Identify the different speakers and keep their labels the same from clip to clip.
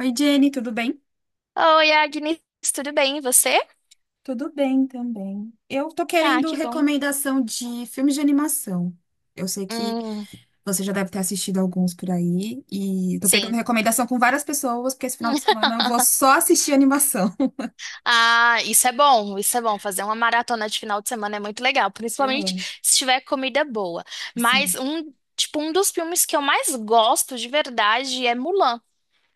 Speaker 1: Oi, Jenny, tudo bem?
Speaker 2: Oi, Agnes, tudo bem? E você?
Speaker 1: Tudo bem também. Eu tô
Speaker 2: Ah,
Speaker 1: querendo
Speaker 2: que bom.
Speaker 1: recomendação de filmes de animação. Eu sei que
Speaker 2: Hum,
Speaker 1: você já deve ter assistido alguns por aí e tô pegando
Speaker 2: sim.
Speaker 1: recomendação com várias pessoas, porque esse final de semana eu vou só assistir animação.
Speaker 2: Ah, isso é bom, isso é bom. Fazer uma maratona de final de semana é muito legal,
Speaker 1: Eu
Speaker 2: principalmente
Speaker 1: amo,
Speaker 2: se tiver comida boa. Mas
Speaker 1: sim,
Speaker 2: um dos filmes que eu mais gosto de verdade é Mulan.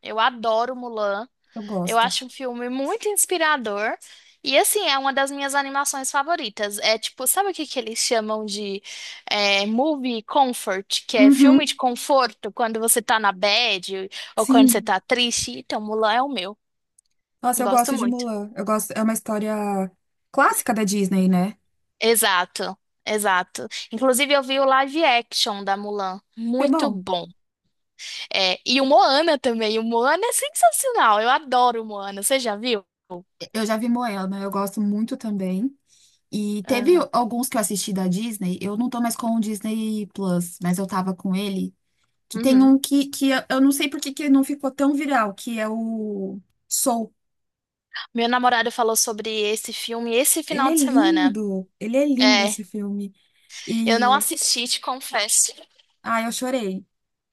Speaker 2: Eu adoro Mulan.
Speaker 1: eu
Speaker 2: Eu
Speaker 1: gosto.
Speaker 2: acho um filme muito inspirador. E assim, é uma das minhas animações favoritas. É tipo, sabe o que que eles chamam de movie comfort, que é filme
Speaker 1: Uhum,
Speaker 2: de conforto quando você tá na bad ou quando você
Speaker 1: sim.
Speaker 2: tá triste? Então, Mulan é o meu.
Speaker 1: Nossa, eu
Speaker 2: Gosto
Speaker 1: gosto de
Speaker 2: muito.
Speaker 1: Mulan. Eu gosto, é uma história clássica da Disney, né?
Speaker 2: Exato, exato. Inclusive, eu vi o live action da Mulan.
Speaker 1: Foi
Speaker 2: Muito
Speaker 1: bom.
Speaker 2: bom. É, e o Moana também. O Moana é sensacional. Eu adoro o Moana. Você já viu?
Speaker 1: Eu já vi Moana, eu gosto muito também. E teve
Speaker 2: Aham.
Speaker 1: alguns que eu assisti da Disney, eu não tô mais com o Disney Plus, mas eu tava com ele, que tem
Speaker 2: Uhum.
Speaker 1: um que eu não sei por que que não ficou tão viral, que é o Soul.
Speaker 2: Meu namorado falou sobre esse filme esse final de semana.
Speaker 1: Ele é lindo
Speaker 2: É,
Speaker 1: esse filme.
Speaker 2: eu não
Speaker 1: E,
Speaker 2: assisti, te confesso.
Speaker 1: ah, eu chorei,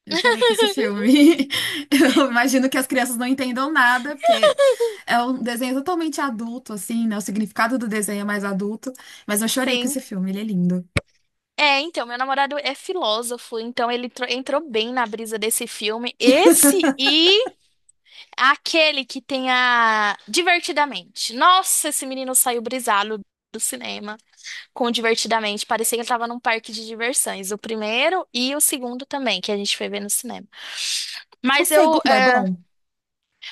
Speaker 1: eu chorei com esse filme. Eu imagino que as crianças não entendam nada, porque é um desenho totalmente adulto, assim, né? O significado do desenho é mais adulto, mas eu chorei com esse
Speaker 2: Sim.
Speaker 1: filme, ele é lindo.
Speaker 2: É, então, meu namorado é filósofo, então entrou bem na brisa desse filme. Esse e aquele que tem a Divertidamente. Nossa, esse menino saiu brisado do cinema com Divertidamente. Parecia que ele tava num parque de diversões. O primeiro e o segundo também, que a gente foi ver no cinema.
Speaker 1: O
Speaker 2: Mas eu,
Speaker 1: segundo é
Speaker 2: é,
Speaker 1: bom?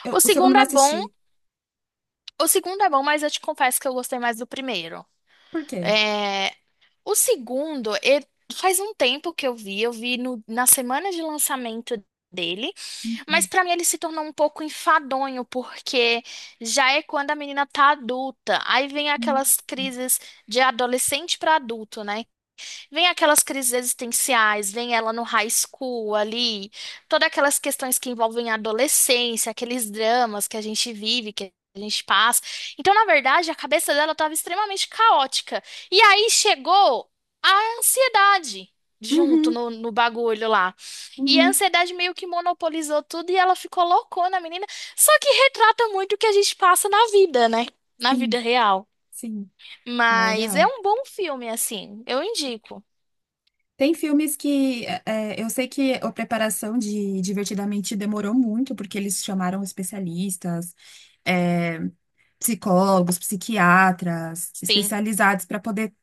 Speaker 1: Eu-
Speaker 2: o
Speaker 1: o segundo eu
Speaker 2: segundo
Speaker 1: não
Speaker 2: é bom.
Speaker 1: assisti.
Speaker 2: O segundo é bom, mas eu te confesso que eu gostei mais do primeiro.
Speaker 1: Por quê?
Speaker 2: É, o segundo, ele- faz um tempo que eu vi, na semana de lançamento dele, mas
Speaker 1: Uhum,
Speaker 2: pra mim ele se tornou um pouco enfadonho, porque já é quando a menina tá adulta, aí vem aquelas crises de adolescente pra adulto, né? Vem aquelas crises existenciais, vem ela no high school ali, todas aquelas questões que envolvem a adolescência, aqueles dramas que a gente vive, que a gente passa. Então, na verdade, a cabeça dela estava extremamente caótica. E aí chegou a ansiedade junto
Speaker 1: uhum,
Speaker 2: no bagulho lá. E a
Speaker 1: uhum.
Speaker 2: ansiedade meio que monopolizou tudo e ela ficou loucona, a menina. Só que retrata muito o que a gente passa na vida, né? Na vida
Speaker 1: Sim,
Speaker 2: real.
Speaker 1: sim, não é
Speaker 2: Mas é
Speaker 1: real.
Speaker 2: um bom filme, assim. Eu indico.
Speaker 1: Tem filmes que é, é, eu sei que a preparação de Divertidamente demorou muito, porque eles chamaram especialistas, é, psicólogos, psiquiatras,
Speaker 2: Sim.
Speaker 1: especializados para poder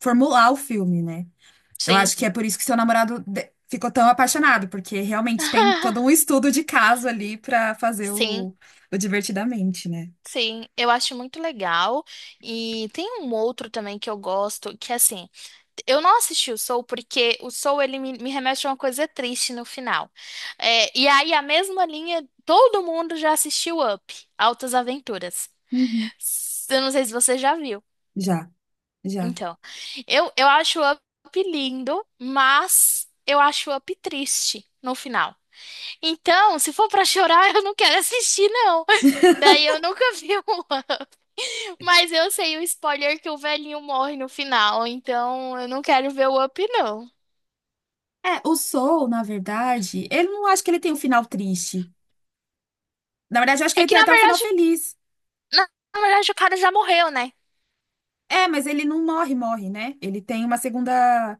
Speaker 1: formular o filme, né? Eu
Speaker 2: Sim.
Speaker 1: acho que é por isso que seu namorado de- ficou tão apaixonado, porque realmente tem todo um estudo de caso ali para fazer
Speaker 2: Sim,
Speaker 1: o Divertidamente, né?
Speaker 2: sim, eu acho muito legal. E tem um outro também que eu gosto, que é assim, eu não assisti o Soul porque o Soul ele me remete a uma coisa triste no final. É, e aí a mesma linha, todo mundo já assistiu Up, Altas Aventuras.
Speaker 1: Uhum.
Speaker 2: Eu não sei se você já viu.
Speaker 1: Já, já.
Speaker 2: Então, eu acho o Up lindo, mas eu acho o Up triste no final. Então, se for pra chorar, eu não quero assistir, não. Daí eu nunca vi um Up. Mas eu sei o spoiler que o velhinho morre no final, então eu não quero ver o Up, não.
Speaker 1: É, o Soul, na verdade, ele não acho que ele tem um final triste. Na verdade, eu acho que
Speaker 2: É
Speaker 1: ele
Speaker 2: que
Speaker 1: tem
Speaker 2: na
Speaker 1: até um final
Speaker 2: verdade,
Speaker 1: feliz.
Speaker 2: na, na verdade o cara já morreu, né?
Speaker 1: É, mas ele não morre, morre, né? Ele tem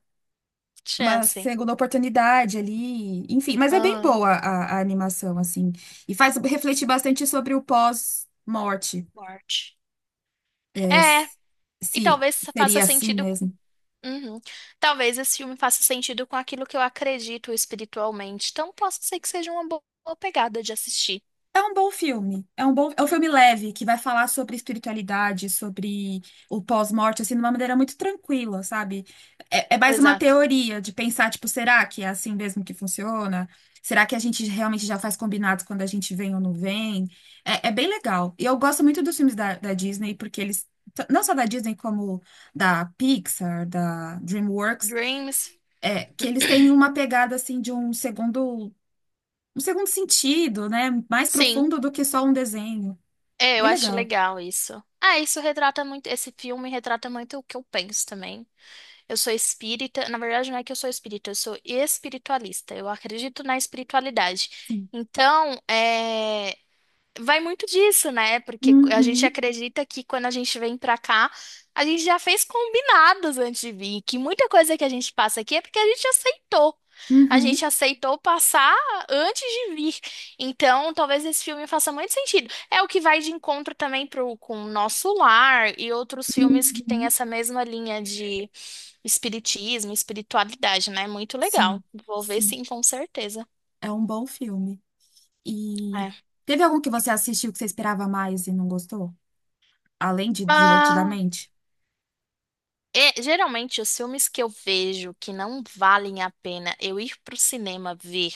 Speaker 1: uma
Speaker 2: Chance.
Speaker 1: segunda oportunidade ali. Enfim, mas é bem
Speaker 2: Aham.
Speaker 1: boa a animação, assim. E faz refletir bastante sobre o pós-morte.
Speaker 2: Morte.
Speaker 1: É,
Speaker 2: É,
Speaker 1: se
Speaker 2: e
Speaker 1: se
Speaker 2: talvez faça
Speaker 1: seria assim
Speaker 2: sentido com.
Speaker 1: mesmo.
Speaker 2: Uhum. Talvez esse filme faça sentido com aquilo que eu acredito espiritualmente. Então, posso ser que seja uma boa pegada de assistir.
Speaker 1: É um bom filme. É um bom, é um filme leve que vai falar sobre espiritualidade, sobre o pós-morte, assim, de uma maneira muito tranquila, sabe? É, é mais uma
Speaker 2: Exato.
Speaker 1: teoria de pensar, tipo, será que é assim mesmo que funciona? Será que a gente realmente já faz combinados quando a gente vem ou não vem? É, é bem legal. E eu gosto muito dos filmes da Disney, porque eles, t- não só da Disney, como da Pixar, da DreamWorks,
Speaker 2: Dreams.
Speaker 1: é, que eles têm uma pegada, assim, de um segundo sentido, né? Mais
Speaker 2: Sim.
Speaker 1: profundo do que só um desenho.
Speaker 2: É, eu
Speaker 1: Bem
Speaker 2: acho
Speaker 1: legal.
Speaker 2: legal isso. Ah, isso retrata muito, esse filme retrata muito o que eu penso também. Eu sou espírita, na verdade não é que eu sou espírita, eu sou espiritualista. Eu acredito na espiritualidade.
Speaker 1: Sim.
Speaker 2: Então, é, vai muito disso, né? Porque a gente
Speaker 1: Uhum,
Speaker 2: acredita que quando a gente vem pra cá, a gente já fez combinados antes de vir, que muita coisa que a gente passa aqui é porque a gente aceitou. A gente
Speaker 1: uhum,
Speaker 2: aceitou passar antes de vir. Então, talvez esse filme faça muito sentido. É o que vai de encontro também pro, com o Nosso Lar e outros filmes que têm
Speaker 1: uhum.
Speaker 2: essa mesma linha de espiritismo, espiritualidade, né? Muito
Speaker 1: Sim,
Speaker 2: legal. Vou ver
Speaker 1: sim.
Speaker 2: sim, com certeza.
Speaker 1: É um bom filme. E
Speaker 2: É.
Speaker 1: teve algum que você assistiu que você esperava mais e não gostou? Além de
Speaker 2: Ah,
Speaker 1: Divertidamente?
Speaker 2: é, geralmente, os filmes que eu vejo que não valem a pena eu ir pro cinema ver,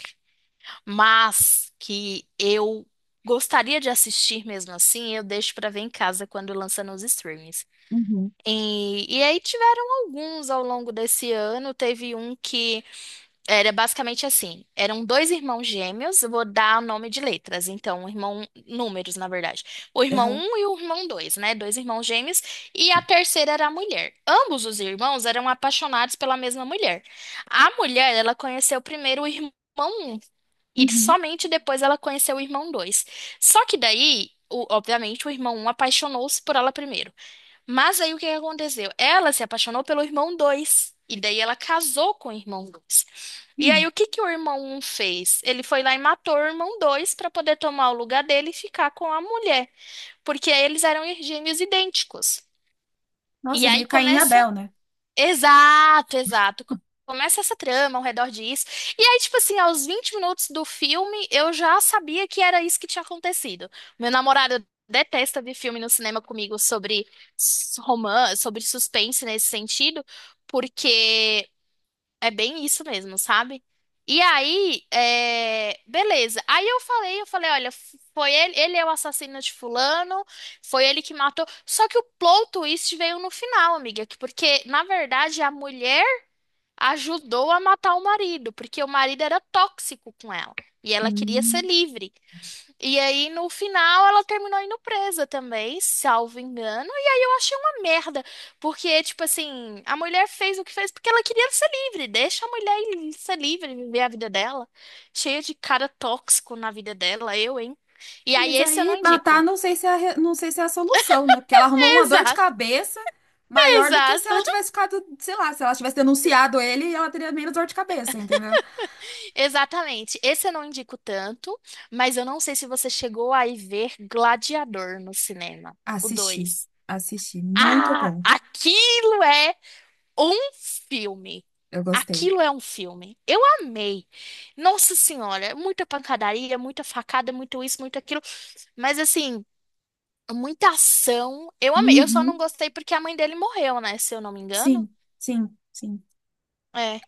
Speaker 2: mas que eu gostaria de assistir mesmo assim, eu deixo pra ver em casa quando lança nos streams.
Speaker 1: Uhum.
Speaker 2: E aí tiveram alguns ao longo desse ano. Teve um que era basicamente assim. Eram dois irmãos gêmeos, eu vou dar nome de letras, então, um irmão, números, na verdade. O irmão
Speaker 1: Aham.
Speaker 2: um e o irmão dois, né? Dois irmãos gêmeos, e a terceira era a mulher. Ambos os irmãos eram apaixonados pela mesma mulher. A mulher, ela conheceu primeiro o irmão um e
Speaker 1: Uhum.
Speaker 2: somente depois ela conheceu o irmão dois. Só que daí, obviamente, o irmão um apaixonou-se por ela primeiro. Mas aí o que que aconteceu? Ela se apaixonou pelo irmão dois. E daí ela casou com o irmão 2 e
Speaker 1: Uhum.
Speaker 2: aí, o que que o irmão um fez? Ele foi lá e matou o irmão 2 para poder tomar o lugar dele e ficar com a mulher, porque eles eram gêmeos idênticos. E
Speaker 1: Nossa,
Speaker 2: aí
Speaker 1: meio Caim e
Speaker 2: começa.
Speaker 1: Abel, né?
Speaker 2: Exato, exato. Começa essa trama ao redor disso. E aí, tipo assim, aos 20 minutos do filme, eu já sabia que era isso que tinha acontecido. Meu namorado detesta ver filme no cinema comigo sobre romance, sobre suspense nesse sentido, porque é bem isso mesmo, sabe? E aí, é, beleza. Eu falei, olha, foi ele, ele é o assassino de fulano, foi ele que matou. Só que o plot twist veio no final, amiga, porque na verdade a mulher ajudou a matar o marido, porque o marido era tóxico com ela e ela queria ser
Speaker 1: Hum.
Speaker 2: livre. E aí, no final, ela terminou indo presa também, salvo engano. E aí eu achei uma merda, porque, tipo assim, a mulher fez o que fez porque ela queria ser livre. Deixa a mulher ser livre, viver a vida dela. Cheia de cara tóxico na vida dela, eu, hein? E
Speaker 1: É,
Speaker 2: aí,
Speaker 1: mas
Speaker 2: esse eu não
Speaker 1: aí matar
Speaker 2: indico.
Speaker 1: não sei se é a, re- não sei se é a solução, né? Porque ela arrumou uma dor de
Speaker 2: Exato,
Speaker 1: cabeça maior do que se
Speaker 2: exato.
Speaker 1: ela tivesse ficado, sei lá, se ela tivesse denunciado ele, ela teria menos dor de cabeça, entendeu?
Speaker 2: Exatamente. Esse eu não indico tanto, mas eu não sei se você chegou a ir ver Gladiador no cinema, o
Speaker 1: Assisti,
Speaker 2: dois.
Speaker 1: assisti, muito
Speaker 2: Ah,
Speaker 1: bom.
Speaker 2: aquilo é um filme.
Speaker 1: Eu gostei.
Speaker 2: Aquilo é um filme. Eu amei. Nossa Senhora, é muita pancadaria, muita facada, muito isso, muito aquilo. Mas assim, muita ação. Eu amei. Eu só não
Speaker 1: Uhum.
Speaker 2: gostei porque a mãe dele morreu, né? Se eu não me engano.
Speaker 1: Sim, sim, sim.
Speaker 2: É.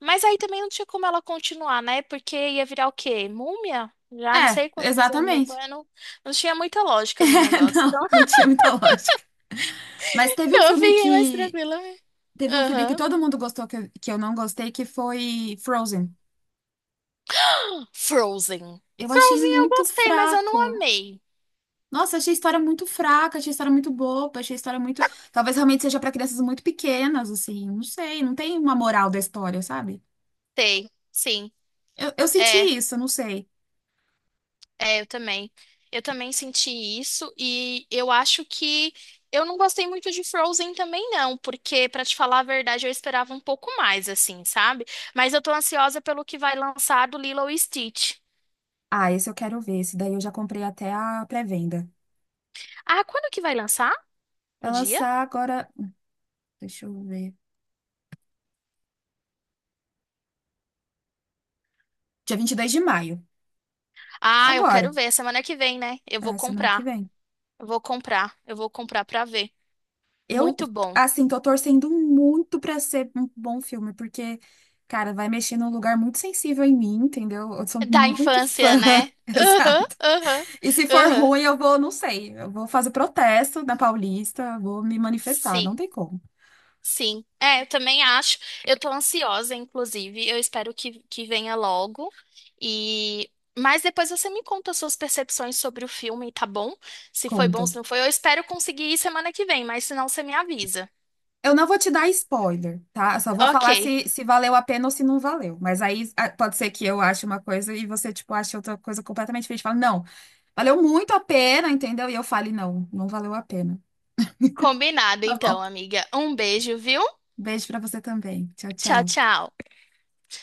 Speaker 2: Mas aí também não tinha como ela continuar, né? Porque ia virar o quê? Múmia? Já não
Speaker 1: É,
Speaker 2: sei quantos anos
Speaker 1: exatamente.
Speaker 2: depois. Não, não tinha muita lógica no
Speaker 1: É,
Speaker 2: negócio.
Speaker 1: não, não tinha muita lógica. Mas teve um
Speaker 2: Então eu
Speaker 1: filme
Speaker 2: fiquei mais
Speaker 1: que
Speaker 2: tranquila, né?
Speaker 1: teve um filme que
Speaker 2: Aham.
Speaker 1: todo mundo gostou que eu não gostei, que foi Frozen.
Speaker 2: Frozen.
Speaker 1: Eu achei
Speaker 2: Frozen eu
Speaker 1: muito
Speaker 2: gostei, mas eu não
Speaker 1: fraco.
Speaker 2: amei.
Speaker 1: Nossa, achei a história muito fraca, achei a história muito boba, achei a história muito. Talvez realmente seja para crianças muito pequenas, assim. Não sei, não tem uma moral da história, sabe?
Speaker 2: Sei, sim.
Speaker 1: Eu senti
Speaker 2: É,
Speaker 1: isso, não sei.
Speaker 2: é, eu também. Eu também senti isso e eu acho que eu não gostei muito de Frozen também não, porque pra te falar a verdade, eu esperava um pouco mais assim, sabe? Mas eu tô ansiosa pelo que vai lançar do Lilo e Stitch.
Speaker 1: Ah, esse eu quero ver. Esse daí eu já comprei até a pré-venda.
Speaker 2: Ah, quando que vai lançar? O
Speaker 1: Vai
Speaker 2: dia?
Speaker 1: lançar agora. Deixa eu ver. Dia 22 de maio.
Speaker 2: Ah, eu quero
Speaker 1: Agora,
Speaker 2: ver, semana que vem, né? Eu vou
Speaker 1: é, semana que
Speaker 2: comprar.
Speaker 1: vem.
Speaker 2: Eu vou comprar. Eu vou comprar pra ver.
Speaker 1: Eu,
Speaker 2: Muito bom.
Speaker 1: assim, tô torcendo muito pra ser um bom filme, porque, cara, vai mexer num lugar muito sensível em mim, entendeu? Eu sou
Speaker 2: Da
Speaker 1: muito fã,
Speaker 2: infância, né? Aham,
Speaker 1: exato.
Speaker 2: aham,
Speaker 1: E se for
Speaker 2: aham.
Speaker 1: ruim, eu vou, não sei, eu vou fazer protesto na Paulista, vou me manifestar, não
Speaker 2: Sim.
Speaker 1: tem como.
Speaker 2: Sim, é, eu também acho. Eu tô ansiosa, inclusive. Eu espero que venha logo. E mas depois você me conta suas percepções sobre o filme, tá bom? Se foi
Speaker 1: Conto.
Speaker 2: bom, se não foi. Eu espero conseguir ir semana que vem, mas se não, você me avisa.
Speaker 1: Eu não vou te dar spoiler, tá? Eu só vou falar
Speaker 2: Ok,
Speaker 1: se, se valeu a pena ou se não valeu. Mas aí pode ser que eu ache uma coisa e você, tipo, ache outra coisa completamente diferente. Fala, não. Valeu muito a pena, entendeu? E eu falei, não, não valeu a pena.
Speaker 2: combinado
Speaker 1: Tá bom.
Speaker 2: então, amiga. Um beijo, viu?
Speaker 1: Beijo pra você também. Tchau,
Speaker 2: Tchau,
Speaker 1: tchau.
Speaker 2: tchau.